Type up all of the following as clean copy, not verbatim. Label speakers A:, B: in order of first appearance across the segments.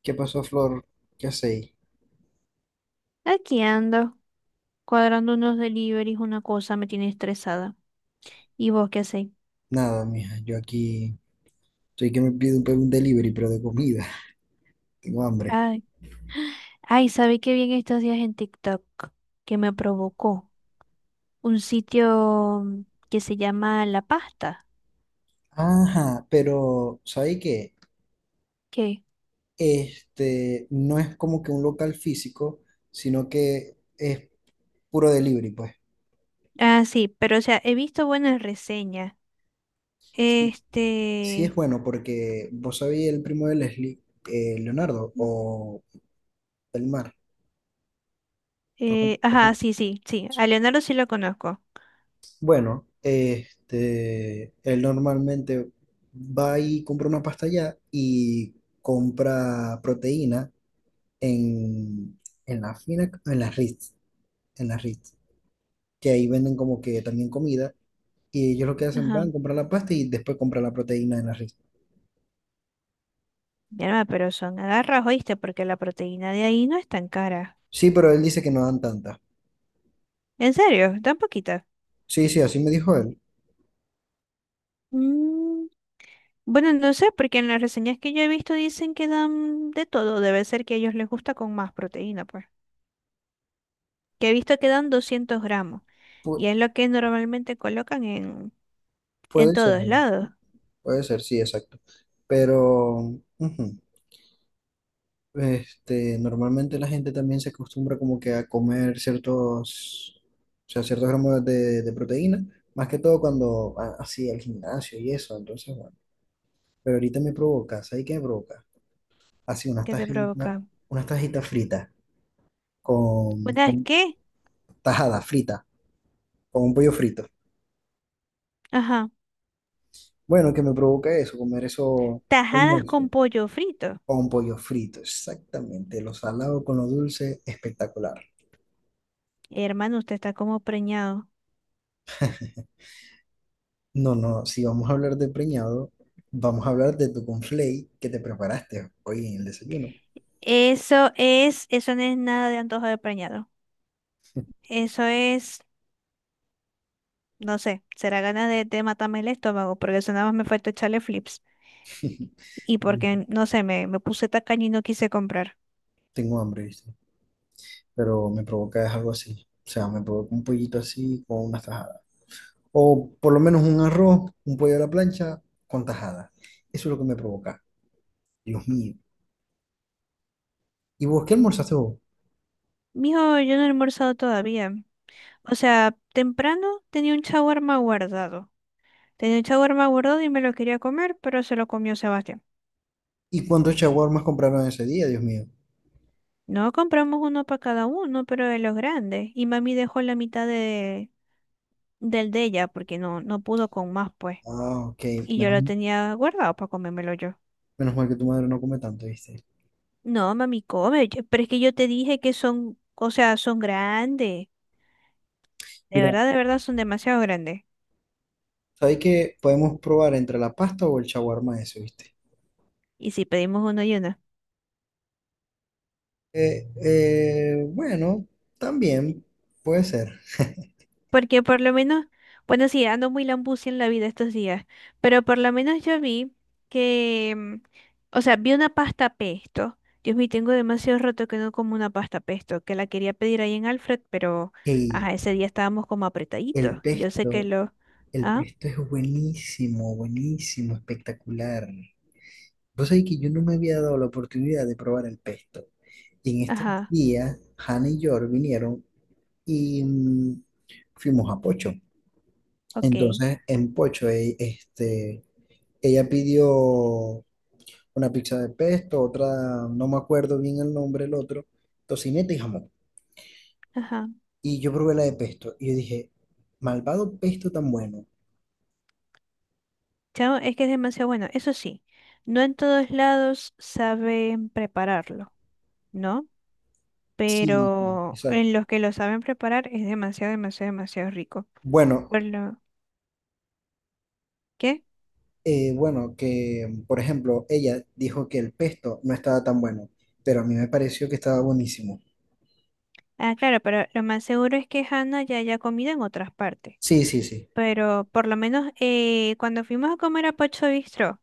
A: ¿Qué pasó, Flor? ¿Qué hacéis?
B: Aquí ando, cuadrando unos deliveries, una cosa me tiene estresada. ¿Y vos qué hacéis?
A: Nada, mija, yo aquí estoy que me pido un delivery, pero de comida. Tengo hambre.
B: Ay, ay, ¿sabéis qué bien estos días en TikTok? Que me provocó un sitio que se llama La Pasta.
A: Ajá, pero ¿sabéis qué?
B: ¿Qué?
A: Este no es como que un local físico, sino que es puro delivery, pues.
B: Ah, sí, pero o sea, he visto buenas reseñas.
A: Sí, sí es
B: Este,
A: bueno porque vos sabéis el primo de Leslie, Leonardo
B: mm,
A: o Belmar.
B: ajá, sí, sí, sí, a Leonardo sí lo conozco.
A: Bueno, este, él normalmente va y compra una pasta allá y compra proteína en, en la fina, en las Ritz, que ahí venden como que también comida, y ellos lo que hacen
B: Ajá,
A: van a comprar la pasta y después comprar la proteína en las Ritz.
B: mi alma, pero son agarras, oíste, porque la proteína de ahí no es tan cara.
A: Sí, pero él dice que no dan tanta.
B: ¿En serio? ¿Tan poquita?
A: Sí, sí, así me dijo él.
B: Mm. Bueno, no sé, porque en las reseñas que yo he visto dicen que dan de todo. Debe ser que a ellos les gusta con más proteína, pues. Que he visto que dan 200 gramos.
A: Pu-
B: Y es lo que normalmente colocan en
A: puede ser,
B: todos lados.
A: puede ser, sí, exacto. Pero ujú. Este, normalmente la gente también se acostumbra como que a comer ciertos, o sea, ciertos gramos de proteína, más que todo cuando va así al gimnasio y eso, entonces bueno. Pero ahorita me provoca, ¿sabes qué me provoca? Así
B: ¿Qué te provoca?
A: unas tajitas fritas, con,
B: ¿Unas
A: con
B: qué?
A: tajada frita, con un pollo frito.
B: Ajá.
A: Bueno, que me provoca eso, comer eso
B: Tajadas con
A: almuerzo,
B: pollo frito.
A: con pollo frito, exactamente, lo salado con lo dulce, espectacular.
B: Hermano, usted está como preñado.
A: No, no, si vamos a hablar de preñado, vamos a hablar de tu conflay que te preparaste hoy en el desayuno.
B: Eso es, eso no es nada de antojo de preñado. Eso es, no sé, será ganas de matarme el estómago, porque eso nada más me falta echarle flips. Y porque, no sé, me puse tacaña y no quise comprar.
A: Tengo hambre, ¿viste? Pero me provoca es algo así. O sea, me provoca un pollito así con unas tajadas. O por lo menos un arroz, un pollo a la plancha con tajadas. Eso es lo que me provoca. Dios mío. ¿Y vos qué almorzaste vos?
B: Mijo, yo no he almorzado todavía. O sea, temprano tenía un shawarma guardado. Tenía un shawarma guardado y me lo quería comer, pero se lo comió Sebastián.
A: ¿Y cuántos shawarmas compraron ese día, Dios mío?
B: No, compramos uno para cada uno, pero de los grandes. Y mami dejó la mitad de, del de ella porque no, no pudo con más, pues.
A: Ah, ok.
B: Y yo lo
A: Menos,
B: tenía guardado para comérmelo yo.
A: menos mal que tu madre no come tanto, ¿viste?
B: No, mami, come. Yo- Pero es que yo te dije que son, o sea, son grandes.
A: Mira,
B: De verdad, son demasiado grandes.
A: ¿sabes que podemos probar entre la pasta o el shawarma ese, ¿viste?
B: ¿Y si pedimos uno y uno?
A: Bueno, también puede ser.
B: Porque por lo menos, bueno, sí, ando muy lambucia en la vida estos días, pero por lo menos yo vi que, o sea, vi una pasta pesto. Dios mío, tengo demasiado rato que no como una pasta pesto, que la quería pedir ahí en Alfred, pero,
A: Ey,
B: ajá, ese día estábamos como
A: el
B: apretaditos. Y yo sé que
A: pesto,
B: lo,
A: el
B: ah,
A: pesto es buenísimo, buenísimo, espectacular. Vos sabés que yo no me había dado la oportunidad de probar el pesto. Y en estos
B: ajá,
A: días, Hannah y George vinieron y fuimos a Pocho.
B: ok,
A: Entonces, en Pocho, este, ella pidió una pizza de pesto, otra, no me acuerdo bien el nombre, el otro, tocineta y jamón.
B: ajá.
A: Y yo probé la de pesto y yo dije, malvado pesto tan bueno.
B: Chao, es que es demasiado bueno. Eso sí, no en todos lados saben prepararlo, ¿no?
A: Sí, sí,
B: Pero en
A: exacto.
B: los que lo saben preparar es demasiado, demasiado, demasiado rico.
A: Bueno,
B: Por lo ¿qué?
A: bueno, que por ejemplo, ella dijo que el pesto no estaba tan bueno, pero a mí me pareció que estaba buenísimo.
B: Ah, claro, pero lo más seguro es que Hannah ya haya comido en otras partes.
A: Sí, sí, sí.
B: Pero por lo menos cuando fuimos a comer a Pocho Bistro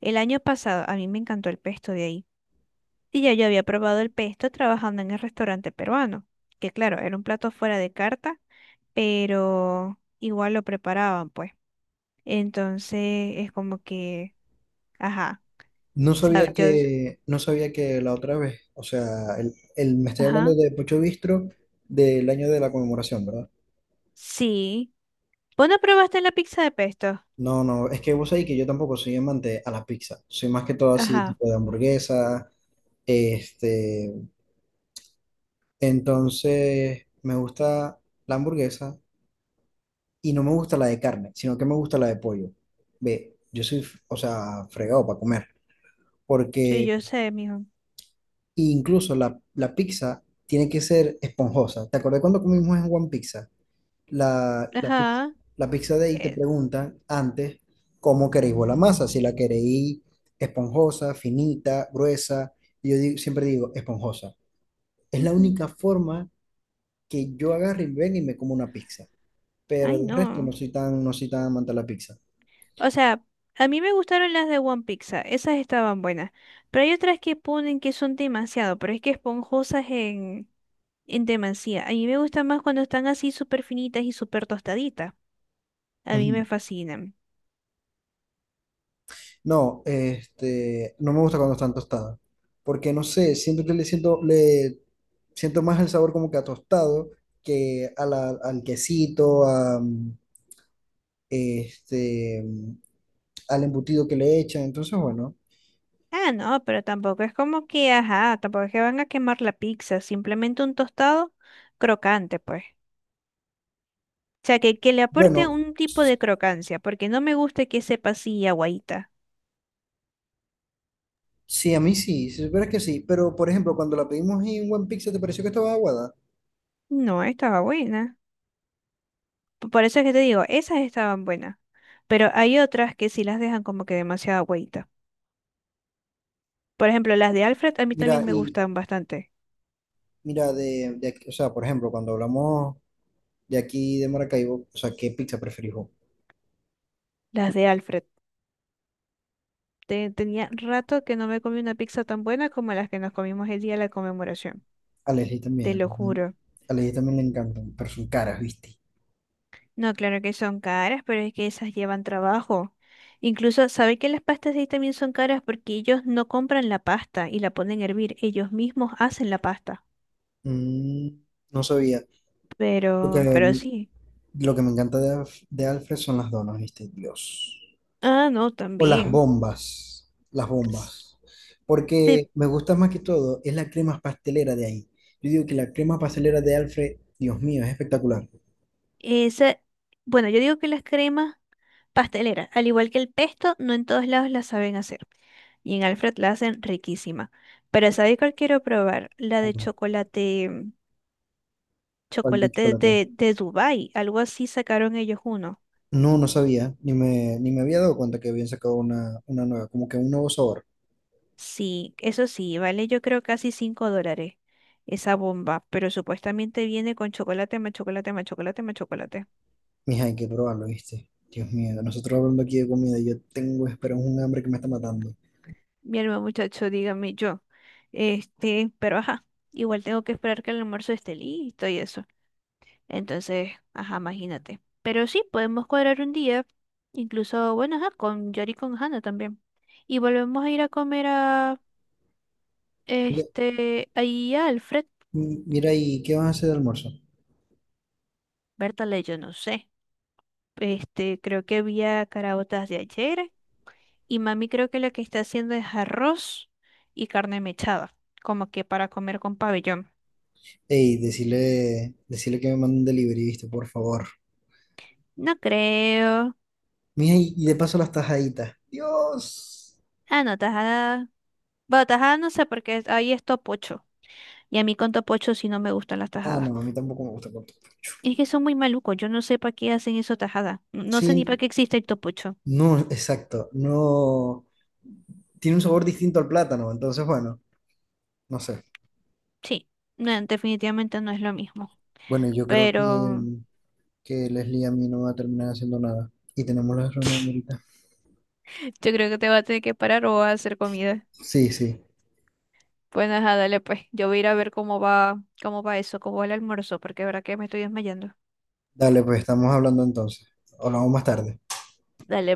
B: el año pasado, a mí me encantó el pesto de ahí. Y ya yo había probado el pesto trabajando en el restaurante peruano, que claro, era un plato fuera de carta, pero igual lo preparaban, pues. Entonces es como que, ajá,
A: No sabía
B: sab- yo,
A: que, no sabía que la otra vez, o sea, me estoy hablando
B: ajá,
A: de Pocho Bistro del año de la conmemoración, ¿verdad?
B: sí. ¿Vos no probaste la pizza de pesto?
A: No, no, es que vos sabés que yo tampoco soy amante a la pizza. Soy más que todo así,
B: Ajá,
A: tipo de hamburguesa, este, entonces, me gusta la hamburguesa y no me gusta la de carne, sino que me gusta la de pollo. Ve, yo soy, o sea, fregado para comer,
B: sí,
A: porque
B: yo sé, mijo.
A: incluso la pizza tiene que ser esponjosa. ¿Te acordás cuando comimos en One Pizza? La pizza,
B: Ajá.
A: la pizza de ahí te
B: Eh,
A: preguntan antes cómo queréis vos la masa, si la queréis esponjosa, finita, gruesa. Y yo siempre digo esponjosa. Es la
B: ujú.
A: única forma que yo agarre y ven y me como una pizza. Pero
B: Ay,
A: de resto no
B: no.
A: soy tan, no soy tan amante de la pizza.
B: O sea, a mí me gustaron las de One Pizza, esas estaban buenas. Pero hay otras que ponen que son demasiado, pero es que esponjosas en demasía. A mí me gustan más cuando están así súper finitas y súper tostaditas. A mí
A: Ujú.
B: me fascinan.
A: No, este, no me gusta cuando están tostadas, porque no sé, siento que le siento más el sabor como que a tostado que a al quesito, a, este, mm, al embutido que le echan, entonces bueno,
B: Ah, no, pero tampoco es como que, ajá, tampoco es que van a quemar la pizza, simplemente un tostado crocante, pues. O sea, que le aporte
A: bueno,
B: un tipo de crocancia, porque no me gusta que sepa así aguadita.
A: sí, a mí sí, si supieras que sí, pero por ejemplo, cuando la pedimos en One Pizza, ¿te pareció que estaba aguada?
B: No, estaba buena. P- Por eso es que te digo, esas estaban buenas, pero hay otras que sí las dejan como que demasiada agüita. Por ejemplo, las de Alfred a mí
A: Mira,
B: también me
A: y
B: gustan bastante.
A: mira, o sea, por ejemplo, cuando hablamos de aquí de Maracaibo, o sea, ¿qué pizza preferís vos?
B: Las de Alfred. Te- tenía rato que no me comí una pizza tan buena como las que nos comimos el día de la conmemoración.
A: A Leslie
B: Te
A: también.
B: lo
A: ¿No?
B: juro.
A: A Leslie también le encantan, pero son caras, ¿viste?
B: No, claro que son caras, pero es que esas llevan trabajo. Incluso, ¿sabe que las pastas de ahí también son caras? Porque ellos no compran la pasta y la ponen a hervir. Ellos mismos hacen la pasta.
A: Mm, no sabía. Porque
B: Pero sí.
A: lo que me encanta de, de Alfred son las donas, ¿viste? Dios.
B: Ah, no,
A: O las
B: también.
A: bombas. Las bombas. Porque me gusta más que todo es la crema pastelera de ahí. Yo digo que la crema pastelera de Alfred, Dios mío, es espectacular.
B: Esa, bueno, yo digo que las cremas pasteleras, al igual que el pesto, no en todos lados las saben hacer. Y en Alfred la hacen riquísima. Pero ¿sabes cuál quiero probar? La de
A: Ujú.
B: chocolate,
A: ¿Cuál de
B: chocolate
A: chocolate?
B: de Dubái. Algo así sacaron ellos uno.
A: No, no sabía. Ni me había dado cuenta que habían sacado una nueva, como que un nuevo sabor.
B: Sí, eso sí, vale yo creo casi $5 esa bomba. Pero supuestamente viene con chocolate, más chocolate, más chocolate, más chocolate.
A: Mija, hay que probarlo, ¿viste? Dios mío, nosotros hablando aquí de comida, yo tengo, espera, un hambre que me está matando.
B: Mi hermano muchacho, dígame yo. Este, pero ajá, igual tengo que esperar que el almuerzo esté listo y eso. Entonces, ajá, imagínate. Pero sí, podemos cuadrar un día, incluso, bueno, ajá, con Yori y con Hannah también. Y volvemos a ir a comer a,
A: Mira,
B: este, ahí a Alfred,
A: mira, ¿y qué vas a hacer de almuerzo?
B: Bertale, yo no sé. Este, creo que había caraotas de ayer y mami creo que lo que está haciendo es arroz y carne mechada, como que para comer con pabellón.
A: Ey, decirle, decirle que me mande un delivery, ¿viste? Por favor.
B: No creo.
A: Mija, y de paso las tajaditas. Dios.
B: Ah, no, tajada. Bueno, tajada no sé porque ahí es topocho. Y a mí con topocho sí no me gustan las
A: Ah,
B: tajadas.
A: no, a mí tampoco me gusta el corto.
B: Es que son muy malucos, yo no sé para qué hacen eso tajada. No, no sé ni para
A: Sí,
B: qué existe el topucho.
A: no, exacto, no. Tiene un sabor distinto al plátano, entonces, bueno, no sé.
B: Sí, no, definitivamente no es lo mismo.
A: Bueno, yo creo que,
B: Pero
A: que Leslie a mí no va a terminar haciendo nada. Y tenemos la reunión ahorita.
B: yo creo que te va a tener que parar o vas a hacer comida.
A: Sí, sí.
B: Pues nada, dale pues. Yo voy a ir a ver cómo va eso, cómo va el almuerzo, porque de verdad que me estoy desmayando.
A: Dale, pues estamos hablando entonces. Hablamos más tarde.
B: Dale.